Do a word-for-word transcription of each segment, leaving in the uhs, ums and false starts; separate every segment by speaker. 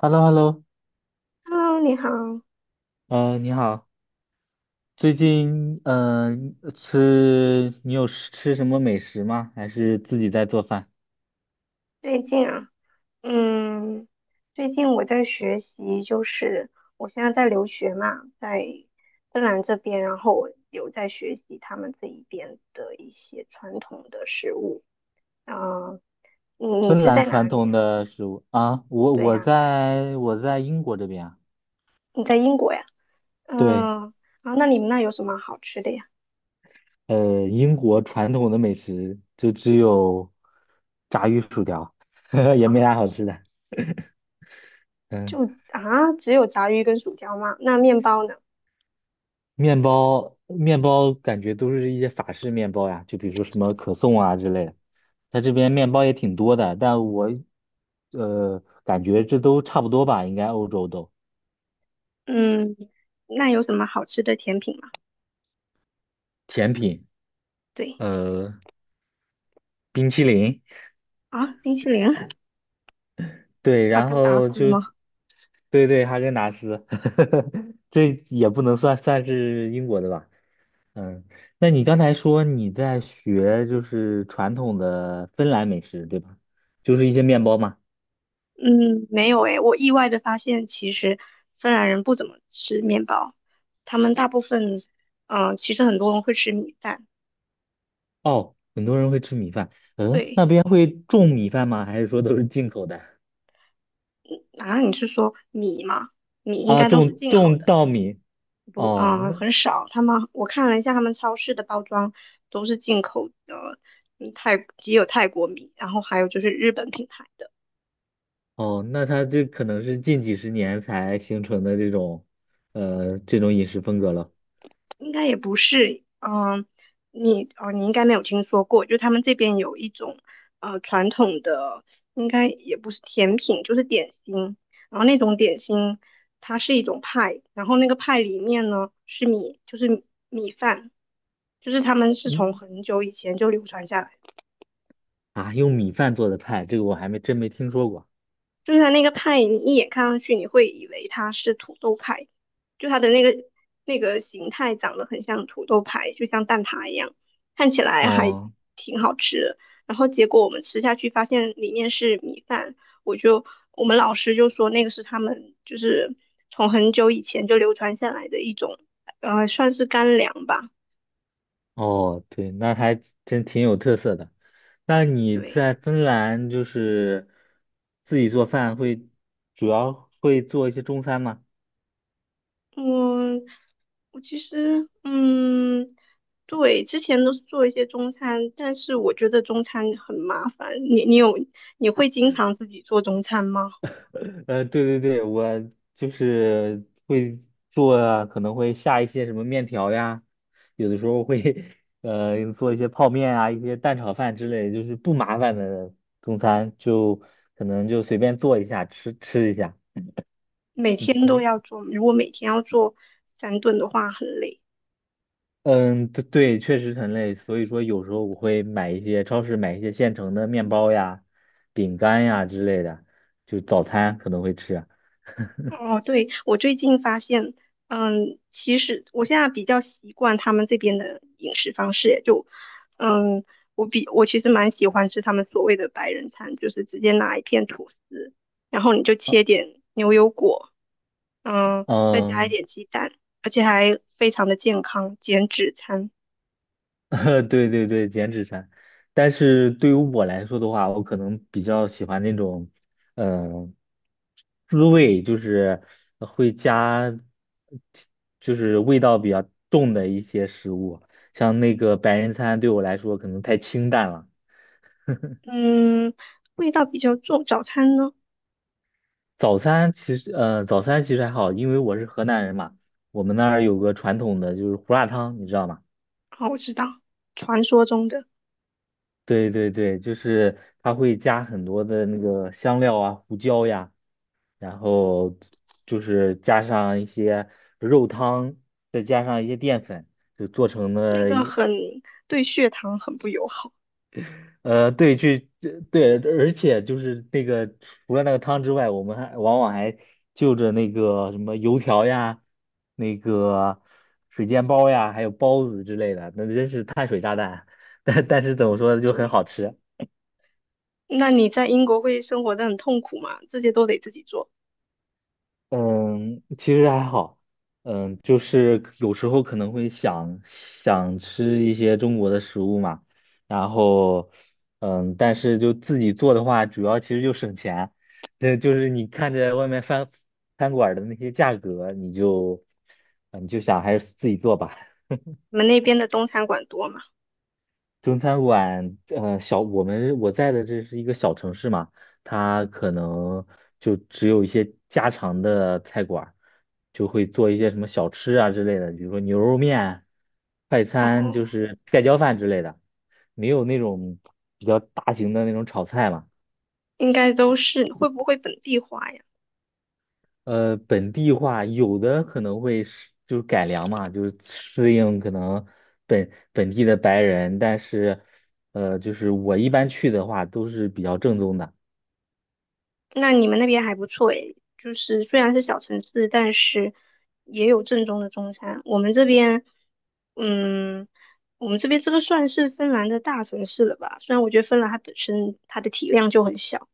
Speaker 1: h e l l o h e l l o。
Speaker 2: Hello，你好，
Speaker 1: 呃，你好。最近呃吃你有吃吃什么美食吗？还是自己在做饭？
Speaker 2: 最近啊，嗯，最近我在学习，就是我现在在留学嘛，在芬兰这边，然后我有在学习他们这一边的一些传统的食物。啊、你
Speaker 1: 芬
Speaker 2: 你是
Speaker 1: 兰
Speaker 2: 在
Speaker 1: 传
Speaker 2: 哪里
Speaker 1: 统
Speaker 2: 呀？
Speaker 1: 的食物啊，我
Speaker 2: 对
Speaker 1: 我
Speaker 2: 呀，
Speaker 1: 在我在英国这边啊。
Speaker 2: 你在英国呀？
Speaker 1: 对。
Speaker 2: 嗯，啊，那你们那有什么好吃的呀？
Speaker 1: 呃，英国传统的美食就只有炸鱼薯条，也
Speaker 2: 啊，
Speaker 1: 没啥好吃的。
Speaker 2: 就
Speaker 1: 嗯。
Speaker 2: 啊，只有炸鱼跟薯条吗？那面包呢？
Speaker 1: 面包面包感觉都是一些法式面包呀，就比如说什么可颂啊之类的。在这边面包也挺多的，但我呃感觉这都差不多吧，应该欧洲都
Speaker 2: 嗯，那有什么好吃的甜品吗？
Speaker 1: 甜品。
Speaker 2: 对
Speaker 1: 呃，冰淇淋。
Speaker 2: 啊，冰淇淋。
Speaker 1: 对，
Speaker 2: 哈
Speaker 1: 然
Speaker 2: 根达
Speaker 1: 后
Speaker 2: 斯
Speaker 1: 就
Speaker 2: 吗？
Speaker 1: 对对哈根达斯。这也不能算算是英国的吧。嗯，那你刚才说你在学就是传统的芬兰美食，对吧？就是一些面包嘛。
Speaker 2: 嗯，没有诶，我意外的发现，其实芬兰人不怎么吃面包，他们大部分，嗯、其实很多人会吃米饭。
Speaker 1: 哦，很多人会吃米饭。嗯，
Speaker 2: 对，
Speaker 1: 那边会种米饭吗？还是说都是进口的？
Speaker 2: 啊，你是说米吗？米应
Speaker 1: 啊，
Speaker 2: 该都是
Speaker 1: 种
Speaker 2: 进口
Speaker 1: 种
Speaker 2: 的。
Speaker 1: 稻米。
Speaker 2: 不，
Speaker 1: 哦，
Speaker 2: 啊、
Speaker 1: 那
Speaker 2: 很少。他们我看了一下，他们超市的包装都是进口的，嗯，泰也有泰国米，然后还有就是日本品牌的。
Speaker 1: 哦，那它这可能是近几十年才形成的这种，呃，这种饮食风格了。
Speaker 2: 应该也不是，嗯，你哦，你应该没有听说过，就他们这边有一种呃传统的，应该也不是甜品，就是点心，然后那种点心它是一种派，然后那个派里面呢是米，就是米米饭，就是他们是从
Speaker 1: 嗯。
Speaker 2: 很久以前就流传下来的。
Speaker 1: 啊，用米饭做的菜，这个我还没真没听说过。
Speaker 2: 就是它那个派，你一眼看上去，你会以为它是土豆派，就它的那个那个形态长得很像土豆派，就像蛋挞一样，看起来还
Speaker 1: 哦
Speaker 2: 挺好吃的。然后结果我们吃下去，发现里面是米饭，我就我们老师就说那个是他们就是从很久以前就流传下来的一种，呃，算是干粮吧，
Speaker 1: 哦，对，那还真挺有特色的。那你
Speaker 2: 对。
Speaker 1: 在芬兰就是自己做饭会，主要会做一些中餐吗？
Speaker 2: 我我其实嗯，对，之前都是做一些中餐，但是我觉得中餐很麻烦。你你有你会经常自己做中餐吗？
Speaker 1: 呃，对对对，我就是会做啊，可能会下一些什么面条呀，有的时候会 呃做一些泡面啊，一些蛋炒饭之类的就是不麻烦的中餐，就可能就随便做一下吃吃一下。
Speaker 2: 每天都要做吗？如果每天要做三顿的话，很累。
Speaker 1: 嗯，对对，确实很累，所以说有时候我会买一些超市买一些现成的面包呀、饼干呀之类的，就早餐可能会吃。
Speaker 2: 哦，对，我最近发现，嗯，其实我现在比较习惯他们这边的饮食方式，就，嗯，我比我其实蛮喜欢吃他们所谓的白人餐，就是直接拿一片吐司，然后你就切
Speaker 1: 哦。
Speaker 2: 点牛油果，嗯，再加一
Speaker 1: 嗯。
Speaker 2: 点鸡蛋，而且还非常的健康，减脂餐，
Speaker 1: 对对对，减脂餐。但是对于我来说的话，我可能比较喜欢那种，嗯、滋味，就是会加，就是味道比较重的一些食物。像那个白人餐对我来说可能太清淡了。
Speaker 2: 嗯，味道比较重。早餐呢？
Speaker 1: 早餐其实，呃，早餐其实还好，因为我是河南人嘛。我们那儿有个传统的就是胡辣汤，你知道吗？
Speaker 2: 哦，我知道，传说中的
Speaker 1: 对对对，就是它会加很多的那个香料啊、胡椒呀。然后就是加上一些肉汤，再加上一些淀粉，就做成
Speaker 2: 那
Speaker 1: 了
Speaker 2: 个。
Speaker 1: 一
Speaker 2: 很对血糖很不友好，
Speaker 1: 呃，对，去这对，而且就是那个除了那个汤之外，我们还往往还就着那个什么油条呀、那个水煎包呀，还有包子之类的，那真是碳水炸弹。但但是怎么说呢，就很好
Speaker 2: 对。
Speaker 1: 吃。
Speaker 2: 那你在英国会生活得很痛苦吗？这些都得自己做。
Speaker 1: 嗯，其实还好，嗯，就是有时候可能会想想吃一些中国的食物嘛。然后，嗯，但是就自己做的话，主要其实就省钱。对，就是你看着外面饭餐馆儿的那些价格，你就，嗯，你就想还是自己做吧。
Speaker 2: 你们那边的中餐馆多吗？
Speaker 1: 中餐馆，呃，小我们我在的这是一个小城市嘛。它可能就只有一些家常的菜馆儿就会做一些什么小吃啊之类的，比如说牛肉面、快餐，
Speaker 2: 哦，
Speaker 1: 就是盖浇饭之类的，没有那种比较大型的那种炒菜嘛。
Speaker 2: 应该都是。会不会本地化呀？
Speaker 1: 呃，本地化有的可能会是就是改良嘛，就是适应可能本本地的白人，但是呃，就是我一般去的话都是比较正宗的。
Speaker 2: 那你们那边还不错诶，就是虽然是小城市，但是也有正宗的中餐。我们这边，嗯，我们这边这个算是芬兰的大城市了吧？虽然我觉得芬兰它本身它的体量就很小，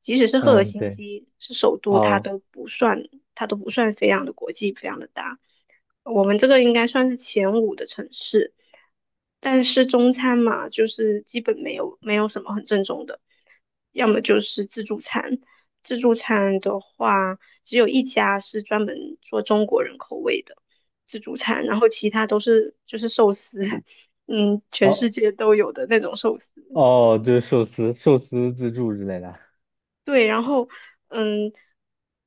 Speaker 2: 即使是赫尔
Speaker 1: 嗯，
Speaker 2: 辛
Speaker 1: 对，
Speaker 2: 基是首都，它
Speaker 1: 哦，
Speaker 2: 都不算，它都不算非常的国际，非常的大。我们这个应该算是前五的城市，但是中餐嘛，就是基本没有没有什么很正宗的，要么就是自助餐。自助餐的话，只有一家是专门做中国人口味的自助餐，然后其他都是就是寿司，嗯，全世
Speaker 1: 哦，
Speaker 2: 界都有的那种寿司。
Speaker 1: 哦，就是寿司、寿司自助之类的。
Speaker 2: 对，然后，嗯，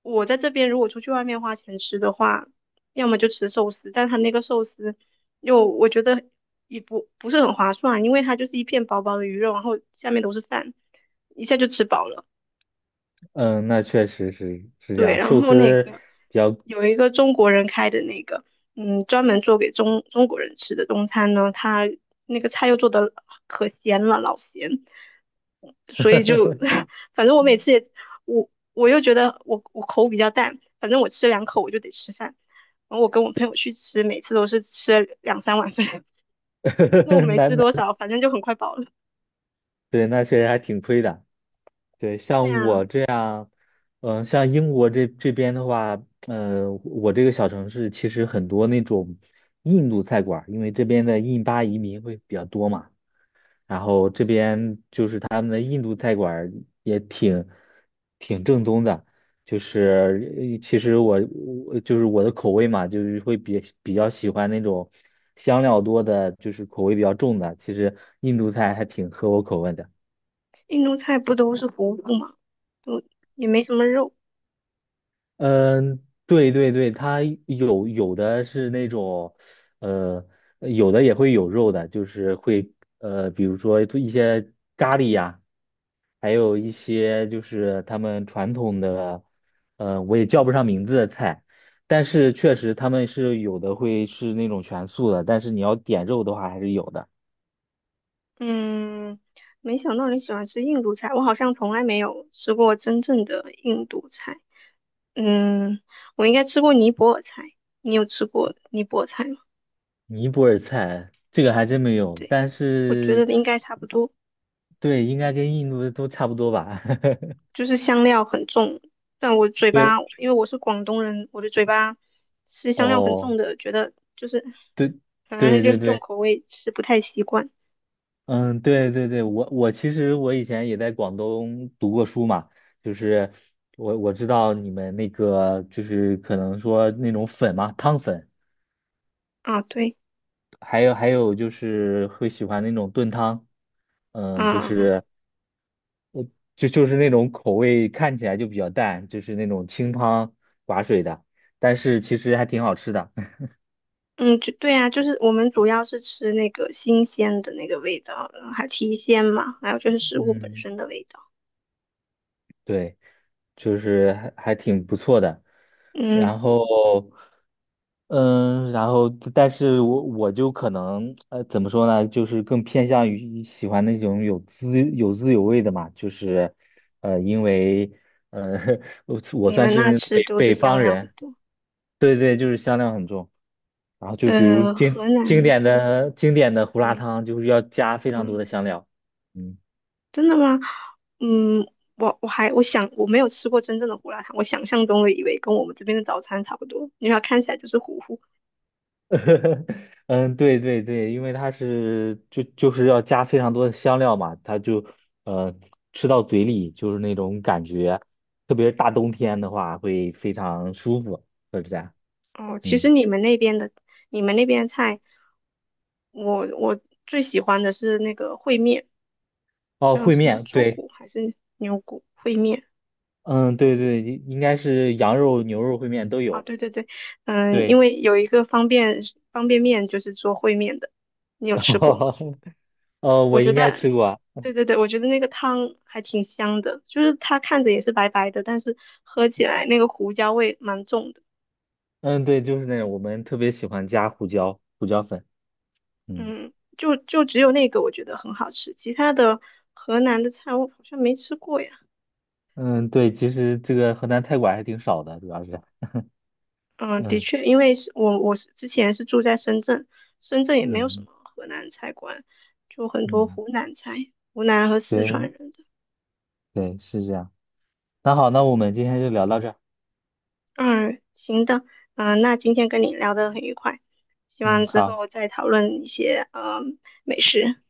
Speaker 2: 我在这边如果出去外面花钱吃的话，要么就吃寿司，但它那个寿司又我觉得也不不是很划算，因为它就是一片薄薄的鱼肉，然后下面都是饭，一下就吃饱了。
Speaker 1: 嗯，那确实是是这
Speaker 2: 对，
Speaker 1: 样，
Speaker 2: 然
Speaker 1: 寿
Speaker 2: 后那
Speaker 1: 司
Speaker 2: 个
Speaker 1: 比较
Speaker 2: 有一个中国人开的那个，嗯，专门做给中中国人吃的中餐呢，他那个菜又做的可咸了，老咸，所以就 反正我每次也我我又觉得我我口比较淡，反正我吃两口我就得吃饭，然后我跟我朋友去吃，每次都是吃两三碗饭，肉 没
Speaker 1: 难
Speaker 2: 吃
Speaker 1: 买。
Speaker 2: 多少，反正就很快饱了。
Speaker 1: 对，那确实还挺亏的。对，
Speaker 2: 对
Speaker 1: 像
Speaker 2: 啊，
Speaker 1: 我，嗯，像英国这这边的话。嗯，我这个小城市其实很多那种印度菜馆儿，因为这边的印巴移民会比较多嘛。然后这边就是他们的印度菜馆儿也挺挺正宗的。就是呃其实我我就是我的口味嘛，就是会比比较喜欢那种香料多的，就是口味比较重的。其实印度菜还挺合我口味的。
Speaker 2: 印度菜不都是糊糊嘛，就也没什么肉。
Speaker 1: 嗯，对对对，它有有的是那种，呃，有的也会有肉的，就是会呃，比如说做一些咖喱呀。还有一些就是他们传统的，呃，我也叫不上名字的菜，但是确实他们是有的会是那种全素的，但是你要点肉的话还是有的。
Speaker 2: 嗯，没想到你喜欢吃印度菜，我好像从来没有吃过真正的印度菜。嗯，我应该吃过尼泊尔菜，你有吃过尼泊尔菜吗？
Speaker 1: 尼泊尔菜这个还真没有，
Speaker 2: 对，
Speaker 1: 但
Speaker 2: 我觉
Speaker 1: 是
Speaker 2: 得应该差不多，
Speaker 1: 对，应该跟印度的都差不多吧。
Speaker 2: 就是香料很重，但我嘴
Speaker 1: 对，
Speaker 2: 巴，因为我是广东人，我的嘴巴吃香料很重
Speaker 1: 哦，
Speaker 2: 的，觉得就是
Speaker 1: 对，
Speaker 2: 反正
Speaker 1: 对
Speaker 2: 就
Speaker 1: 对
Speaker 2: 是重
Speaker 1: 对。
Speaker 2: 口味吃不太习惯。
Speaker 1: 嗯，对对对，我我其实我以前也在广东读过书嘛。就是我我知道你们那个就是可能说那种粉嘛，汤粉，
Speaker 2: 啊，对，
Speaker 1: 还有还有就是会喜欢那种炖汤。嗯，就
Speaker 2: 啊。
Speaker 1: 是就就是那种口味看起来就比较淡，就是那种清汤寡水的，但是其实还挺好吃的。
Speaker 2: 嗯，就对啊，就是我们主要是吃那个新鲜的那个味道，嗯还提鲜嘛，还有就是 食物本
Speaker 1: 嗯，
Speaker 2: 身的味道。
Speaker 1: 对，就是还还挺不错的。然
Speaker 2: 嗯，
Speaker 1: 后，嗯，然后，但是我我就可能，呃，怎么说呢，就是更偏向于喜欢那种有滋有滋有味的嘛，就是，呃，因为，呃，我我
Speaker 2: 你
Speaker 1: 算
Speaker 2: 们
Speaker 1: 是
Speaker 2: 那
Speaker 1: 那
Speaker 2: 吃
Speaker 1: 北
Speaker 2: 都是
Speaker 1: 北
Speaker 2: 香
Speaker 1: 方
Speaker 2: 料很
Speaker 1: 人。
Speaker 2: 多。
Speaker 1: 对对，就是香料很重。然后就比如
Speaker 2: 呃，河
Speaker 1: 经经
Speaker 2: 南，
Speaker 1: 典的经典的胡辣
Speaker 2: 嗯。
Speaker 1: 汤，就是要加非常多
Speaker 2: 嗯，
Speaker 1: 的香料。嗯。
Speaker 2: 真的吗？嗯，我我还我想我没有吃过真正的胡辣汤，我想象中的以为跟我们这边的早餐差不多，因为它看起来就是糊糊。
Speaker 1: 嗯，对对对，因为它是就就是要加非常多的香料嘛，它就呃吃到嘴里就是那种感觉，特别是大冬天的话会非常舒服，就是这样。
Speaker 2: 哦，其实
Speaker 1: 嗯，
Speaker 2: 你们那边的你们那边的菜，我我最喜欢的是那个烩面，
Speaker 1: 哦，
Speaker 2: 叫
Speaker 1: 烩
Speaker 2: 什么
Speaker 1: 面，
Speaker 2: 猪
Speaker 1: 对，
Speaker 2: 骨还是牛骨烩面？
Speaker 1: 嗯，对对，应应该是羊肉、牛肉烩面都
Speaker 2: 啊，
Speaker 1: 有。
Speaker 2: 对对对，嗯，因
Speaker 1: 对，
Speaker 2: 为有一个方便方便面就是做烩面的，你 有吃过吗？
Speaker 1: 哦，呃
Speaker 2: 我
Speaker 1: 我
Speaker 2: 觉
Speaker 1: 应
Speaker 2: 得，
Speaker 1: 该吃过。
Speaker 2: 对对对，我觉得那个汤还挺香的，就是它看着也是白白的，但是喝起来那个胡椒味蛮重的。
Speaker 1: 嗯，对，就是那种我们特别喜欢加胡椒、胡椒粉。嗯。
Speaker 2: 嗯，就就只有那个我觉得很好吃，其他的河南的菜我好像没吃过呀。
Speaker 1: 嗯，对，其实这个河南菜馆还挺少的，主要是
Speaker 2: 嗯，的
Speaker 1: 嗯
Speaker 2: 确，因为是我我是之前是住在深圳，深圳也没有什么
Speaker 1: 嗯。
Speaker 2: 河南菜馆，就很多
Speaker 1: 嗯，
Speaker 2: 湖南菜，湖南和四
Speaker 1: 对
Speaker 2: 川人。
Speaker 1: 对，是这样。那好，那我们今天就聊到这儿。
Speaker 2: 嗯，行的，嗯、那今天跟你聊得很愉快，希望
Speaker 1: 嗯，
Speaker 2: 之
Speaker 1: 好。
Speaker 2: 后再讨论一些呃美食，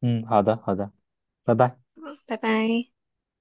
Speaker 1: 嗯，好的，好的，拜拜。
Speaker 2: 嗯，拜拜。